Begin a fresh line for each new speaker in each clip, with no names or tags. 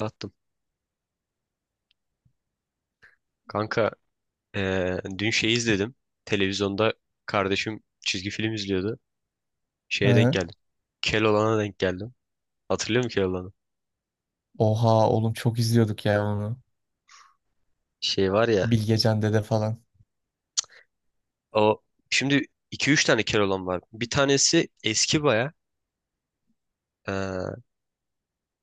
Attım. Kanka dün şey izledim. Televizyonda kardeşim çizgi film izliyordu. Şeye denk
He.
geldim. Keloğlan'a denk geldim. Hatırlıyor musun Keloğlan'ı?
Oha oğlum çok izliyorduk ya onu.
Şey var ya.
Bilgecan Dede falan.
O şimdi iki üç tane Keloğlan var. Bir tanesi eski baya. Eee,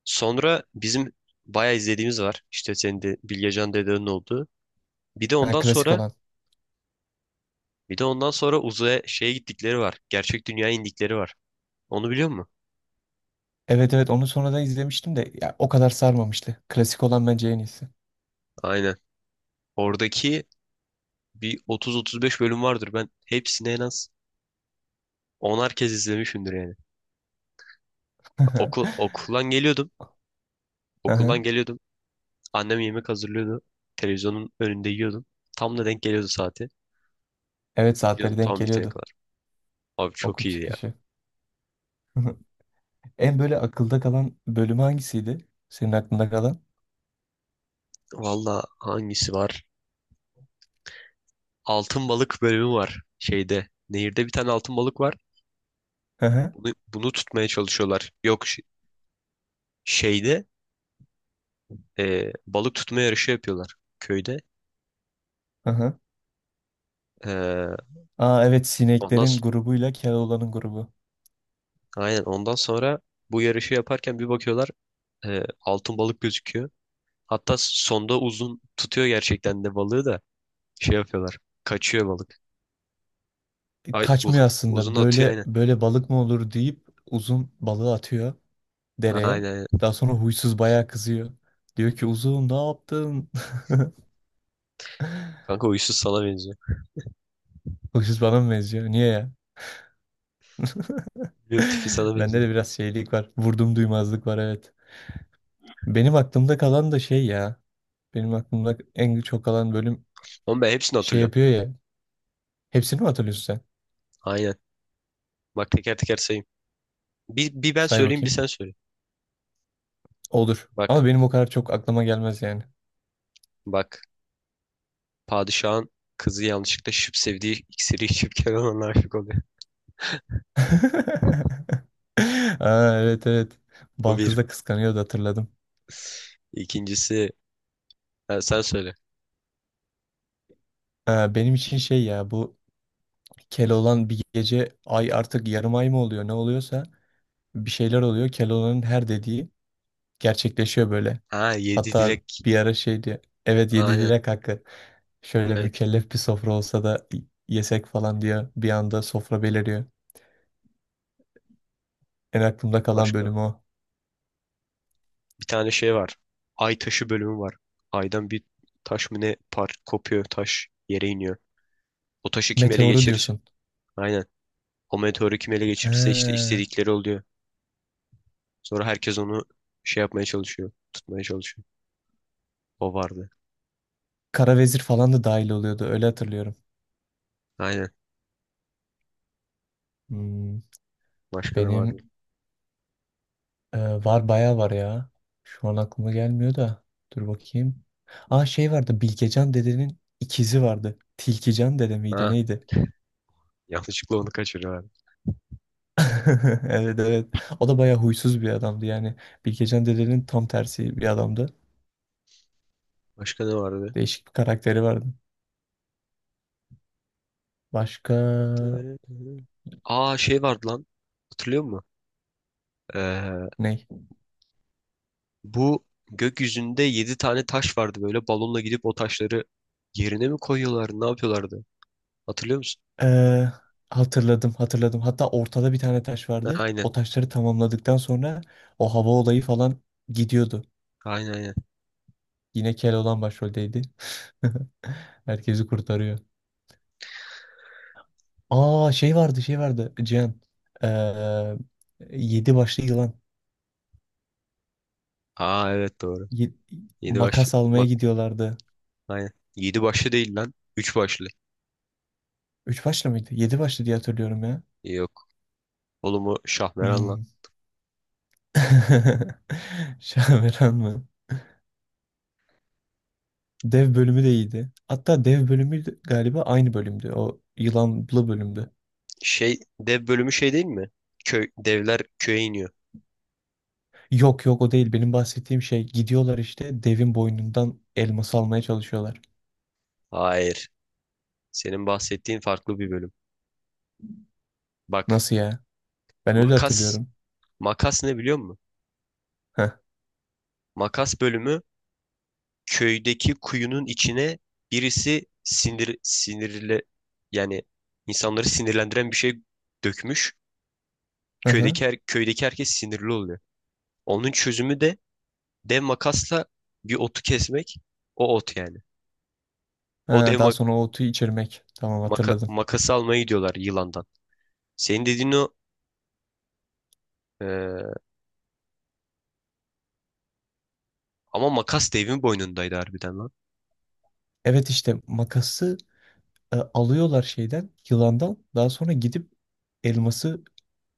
sonra bizim baya izlediğimiz var. İşte senin de Bilgecan dedenin olduğu. Bir de
Ha,
ondan
klasik
sonra
olan.
bir de ondan sonra uzaya şeye gittikleri var. Gerçek dünyaya indikleri var. Onu biliyor musun?
Evet evet onu sonradan izlemiştim de ya, o kadar sarmamıştı. Klasik olan bence en iyisi.
Aynen. Oradaki bir 30-35 bölüm vardır. Ben hepsini en az 10'ar kez izlemişimdir yani. Okuldan geliyordum.
Aha.
Okuldan geliyordum. Annem yemek hazırlıyordu. Televizyonun önünde yiyordum. Tam da denk geliyordu saati.
Evet
İzliyordum
saatleri denk
tam bitene
geliyordu.
kadar. Abi
Okul
çok iyiydi ya.
çıkışı. En böyle akılda kalan bölümü hangisiydi? Senin aklında kalan?
Valla hangisi var? Altın balık bölümü var. Şeyde. Nehirde bir tane altın balık var.
Aha.
Bunu tutmaya çalışıyorlar. Yok şeyde balık tutma yarışı yapıyorlar köyde.
Aha.
E,
Aa evet
ondan
sineklerin
s-
grubuyla Keloğlan'ın grubu.
aynen ondan sonra bu yarışı yaparken bir bakıyorlar, altın balık gözüküyor. Hatta sonda uzun tutuyor gerçekten de balığı da şey yapıyorlar. Kaçıyor balık. Ay bu
Kaçmıyor
uzun
aslında.
atıyor
Böyle
aynen.
böyle balık mı olur deyip uzun balığı atıyor
Ha,
dereye.
aynen. Aynen.
Daha sonra huysuz bayağı kızıyor. Diyor ki uzun ne yaptın?
Kanka uysuz sana benziyor.
Huysuz bana mı benziyor? Niye ya?
Bilmiyorum, tipi sana
Bende
benziyor.
de biraz şeylik var. Vurdum duymazlık var evet. Benim aklımda kalan da şey ya. Benim aklımda en çok kalan bölüm
Ama ben hepsini
şey
hatırlıyorum.
yapıyor ya. Hepsini mi hatırlıyorsun sen?
Aynen. Bak teker teker sayayım. Bir ben
Say
söyleyeyim, bir
bakayım.
sen söyle.
Olur.
Bak
Ama benim o kadar çok aklıma gelmez yani.
bak. Padişahın kızı yanlışlıkla şıp sevdiği iksiri içip Kenan'a aşık oluyor.
Aa, evet evet.
O bir.
Balkız da kıskanıyordu, hatırladım.
İkincisi, ha, sen söyle.
Ha, benim için şey ya, bu Keloğlan bir gece ay artık yarım ay mı oluyor ne oluyorsa bir şeyler oluyor. Keloğlan'ın her dediği gerçekleşiyor böyle.
Ha, yedi
Hatta
dilek.
bir ara şey diyor. Evet, yedi
Aynen.
direk hakkı. Şöyle
Evet,
mükellef bir sofra olsa da yesek falan diyor. Bir anda sofra beliriyor. En aklımda kalan
başka.
bölüm o.
Bir tane şey var. Ay taşı bölümü var. Aydan bir taş mı ne par kopuyor, taş yere iniyor. O taşı kim ele
Meteoru
geçirirse
diyorsun.
aynen. O meteoru kim ele geçirirse işte
He.
istedikleri oluyor. Sonra herkes onu şey yapmaya çalışıyor. Tutmaya çalışıyor. O vardı.
Kara vezir falan da dahil oluyordu. Öyle hatırlıyorum.
Aynen.
Hmm,
Başka ne vardı?
benim var bayağı var ya. Şu an aklıma gelmiyor da. Dur bakayım. Aa şey vardı. Bilgecan dedenin ikizi vardı. Tilkican dede miydi
Ha,
neydi?
yanlışlıkla onu kaçırıyorlar.
Evet evet. O da bayağı huysuz bir adamdı yani. Bilgecan dedenin tam tersi bir adamdı.
Başka ne vardı?
Değişik bir karakteri vardı. Başka
Aa, şey vardı lan. Hatırlıyor musun? Ee,
ne?
bu gökyüzünde 7 tane taş vardı, böyle balonla gidip o taşları yerine mi koyuyorlar? Ne yapıyorlardı? Hatırlıyor musun?
Ee, Hatırladım hatırladım. Hatta ortada bir tane taş
Ha,
vardı.
aynen.
O taşları tamamladıktan sonra o hava olayı falan gidiyordu.
Aynen.
Yine Keloğlan başroldeydi. Herkesi kurtarıyor. Aa şey vardı şey vardı Cihan. Ee, Yedi başlı yılan.
Aa evet, doğru.
Ye-
7 başlı.
Makas almaya
Bak
gidiyorlardı.
aynen. 7 başlı değil lan. 3 başlı.
Üç başlı mıydı? Yedi başlı diye hatırlıyorum ya.
Yok. Oğlum, o Şahmeran lan.
Hmm. Şaveran mı? Dev bölümü de iyiydi. Hatta galiba aynı bölümdü. O yılanlı bölümdü.
Şey, dev bölümü şey değil mi? Köy, devler köye iniyor.
Yok yok o değil. Benim bahsettiğim şey, gidiyorlar işte devin boynundan elması almaya çalışıyorlar.
Hayır. Senin bahsettiğin farklı bir bölüm. Bak,
Nasıl ya? Ben öyle
makas.
hatırlıyorum.
Makas ne biliyor musun?
Heh.
Makas bölümü, köydeki kuyunun içine birisi sinir sinirle, yani insanları sinirlendiren bir şey, dökmüş.
Hı hı.
Köydeki herkes sinirli oluyor. Onun çözümü de dev makasla bir otu kesmek. O ot yani. O
Ha, daha sonra o otu içirmek. Tamam, hatırladım.
makası almaya gidiyorlar yılandan. Senin dediğin o, e, ama makas devin boynundaydı harbiden lan.
Evet işte makası alıyorlar şeyden yılandan, daha sonra gidip elması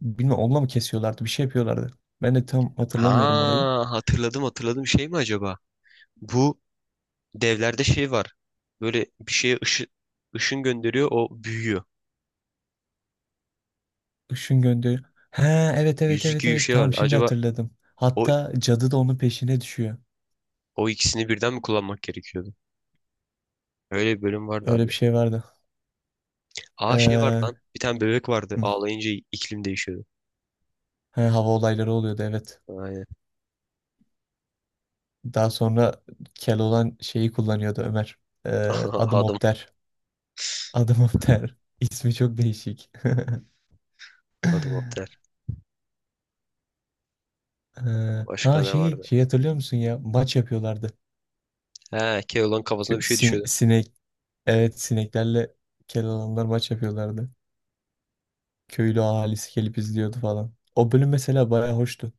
bilmem onunla mı kesiyorlardı bir şey yapıyorlardı. Ben de tam hatırlamıyorum orayı.
Ha, hatırladım şey mi acaba? Bu devlerde şey var. Böyle bir şeye ışın gönderiyor, o büyüyor.
Işın gönderiyor. He evet evet
Yüzük
evet
gibi bir
evet
şey vardı.
tamam şimdi
Acaba
hatırladım.
o
Hatta cadı da onun peşine düşüyor.
o ikisini birden mi kullanmak gerekiyordu? Öyle bir bölüm vardı abi.
Öyle bir şey vardı.
Aa, şey vardı
Ee,
lan. Bir tane bebek vardı.
hı,
Ağlayınca iklim değişiyordu.
he, hava olayları oluyordu evet.
Aynen.
Daha sonra Keloğlan şeyi kullanıyordu Ömer. Ee, adım
Adam
Opter. Adım Opter. İsmi çok değişik. Ee,
Adam Otel. Başka
ha
ne
şeyi
vardı?
şey hatırlıyor musun ya, maç yapıyorlardı.
He, Keloğlan kafasına bir şey düşüyordu.
Sinek evet, sineklerle kel alanlar maç yapıyorlardı. Köylü ahalisi gelip izliyordu falan. O bölüm mesela bayağı hoştu.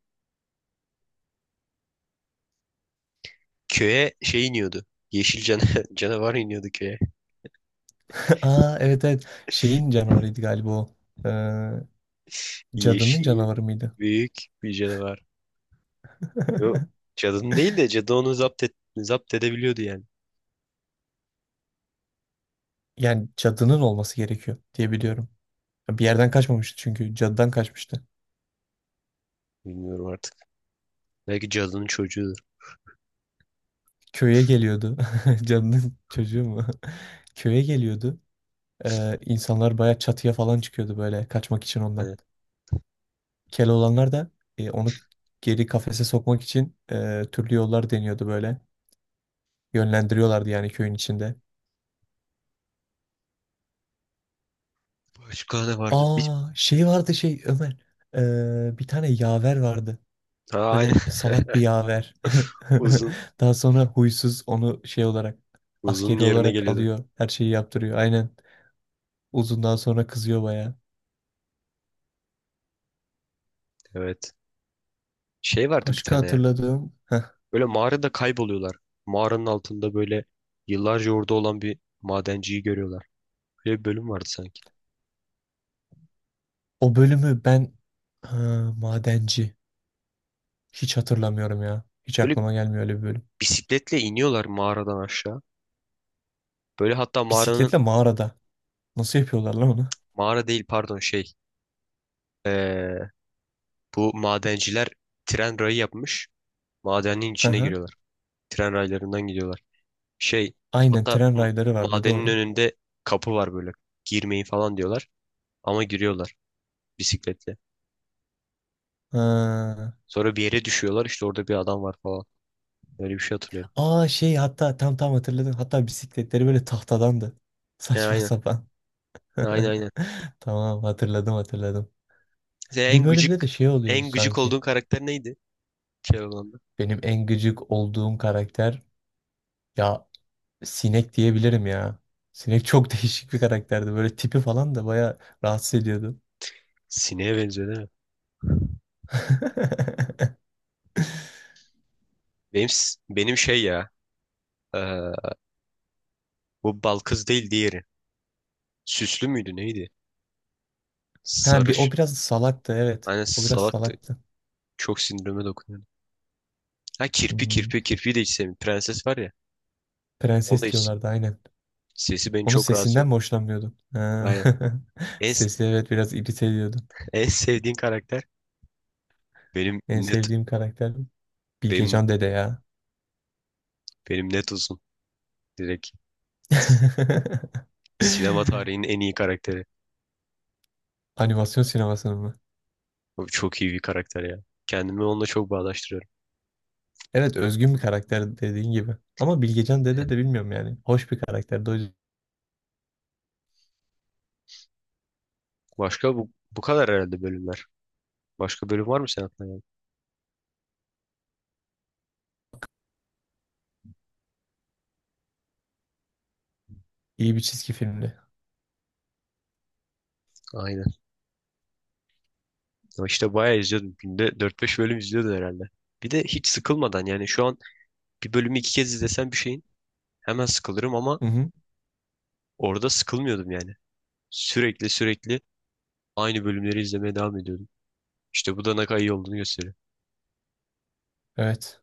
Köye şey iniyordu. Yeşil can canavar iniyordu köye.
Aa evet evet şeyin canavarıydı galiba o. Ee, cadının
Yeşil
canavarı mıydı?
büyük bir canavar. Yok, cadının değil de cadı onu zapt, et, zapt edebiliyordu yani.
Yani cadının olması gerekiyor diye biliyorum. Bir yerden kaçmamıştı çünkü cadıdan kaçmıştı.
Bilmiyorum artık. Belki cadının çocuğudur.
Köye geliyordu. Cadının çocuğu mu? Köye geliyordu. İnsanlar baya çatıya falan çıkıyordu böyle, kaçmak için ondan.
Aynen.
Keloğlanlar da onu geri kafese sokmak için türlü yollar deniyordu böyle. Yönlendiriyorlardı yani köyün içinde.
Başka ne vardı? Bir...
Aa şey vardı şey Ömer. Bir tane yaver vardı.
Ha,
Böyle
aynen.
salak bir yaver.
Uzun.
Daha sonra huysuz onu şey olarak,
Uzun
askeri
yerine
olarak
geliyordu.
alıyor. Her şeyi yaptırıyor. Aynen. Uzundan sonra kızıyor baya.
Evet. Şey vardı bir
Başka
tane ya.
hatırladığım heh,
Böyle mağarada kayboluyorlar. Mağaranın altında böyle yıllarca orada olan bir madenciyi görüyorlar. Böyle bir bölüm vardı sanki.
o bölümü ben ha, madenci. Hiç hatırlamıyorum ya. Hiç
Böyle
aklıma gelmiyor öyle bir bölüm.
bisikletle iniyorlar mağaradan aşağı. Böyle hatta mağaranın
Bisikletle mağarada. Nasıl yapıyorlar lan onu?
mağara değil pardon şey ee, bu madenciler tren rayı yapmış. Madenin
Hı
içine
hı.
giriyorlar. Tren raylarından gidiyorlar. Şey,
Aynen,
hatta
tren rayları vardı
madenin
doğru.
önünde kapı var böyle. Girmeyin falan diyorlar. Ama giriyorlar bisikletle.
Ha.
Sonra bir yere düşüyorlar, işte orada bir adam var falan. Öyle bir şey hatırlıyorum.
Aa şey, hatta tam tam hatırladım. Hatta bisikletleri böyle tahtadandı.
He,
Saçma
aynen.
sapan.
Aynen.
Tamam hatırladım hatırladım.
Sen
Bir
en
bölümde de
gıcık
şey oluyordu
en gıcık
sanki.
olduğun karakter neydi? Şey olanda.
Benim en gıcık olduğum karakter ya, sinek diyebilirim ya. Sinek çok değişik bir karakterdi. Böyle tipi falan da bayağı rahatsız ediyordu.
Sineğe benziyor değil mi? Benim şey ya. ee, Bu bal kız değil, diğeri. Süslü müydü neydi?
Ha bir o
Sarış.
biraz salaktı evet.
Aynen,
O biraz
salaktı.
salaktı.
Çok sinirime dokunuyordu. Ha kirpi,
Hmm,
kirpi de hiç sevmiyorum. Prenses var ya. Onu da
prenses
hiç.
diyorlardı aynen.
Sesi beni
Onun
çok rahatsız
sesinden mi
ediyor.
hoşlanmıyordun? Ha.
Aynen. En,
Sesi evet biraz irite ediyordu.
en sevdiğin karakter, benim
En
net
sevdiğim karakter
benim
Bilgecan Dede ya.
benim net uzun. Direkt sinema tarihinin en iyi karakteri.
Animasyon sinemasının mı?
Bu çok iyi bir karakter ya. Kendimi onunla çok bağdaştırıyorum.
Evet, özgün bir karakter dediğin gibi. Ama Bilgecan Dede
Aynen.
de bilmiyorum yani. Hoş bir karakterdi. O yüzden
Başka bu kadar herhalde bölümler. Başka bölüm var mı sen aklına gelen?
iyi bir çizgi filmdi.
Aynen. Ama işte bayağı izliyordum. Günde 4 5 bölüm izliyordum herhalde. Bir de hiç sıkılmadan, yani şu an bir bölümü 2 kez izlesem bir şeyin hemen sıkılırım, ama
Hı hı.
orada sıkılmıyordum yani. Sürekli aynı bölümleri izlemeye devam ediyordum. İşte bu da ne kadar iyi olduğunu gösteriyor.
Evet.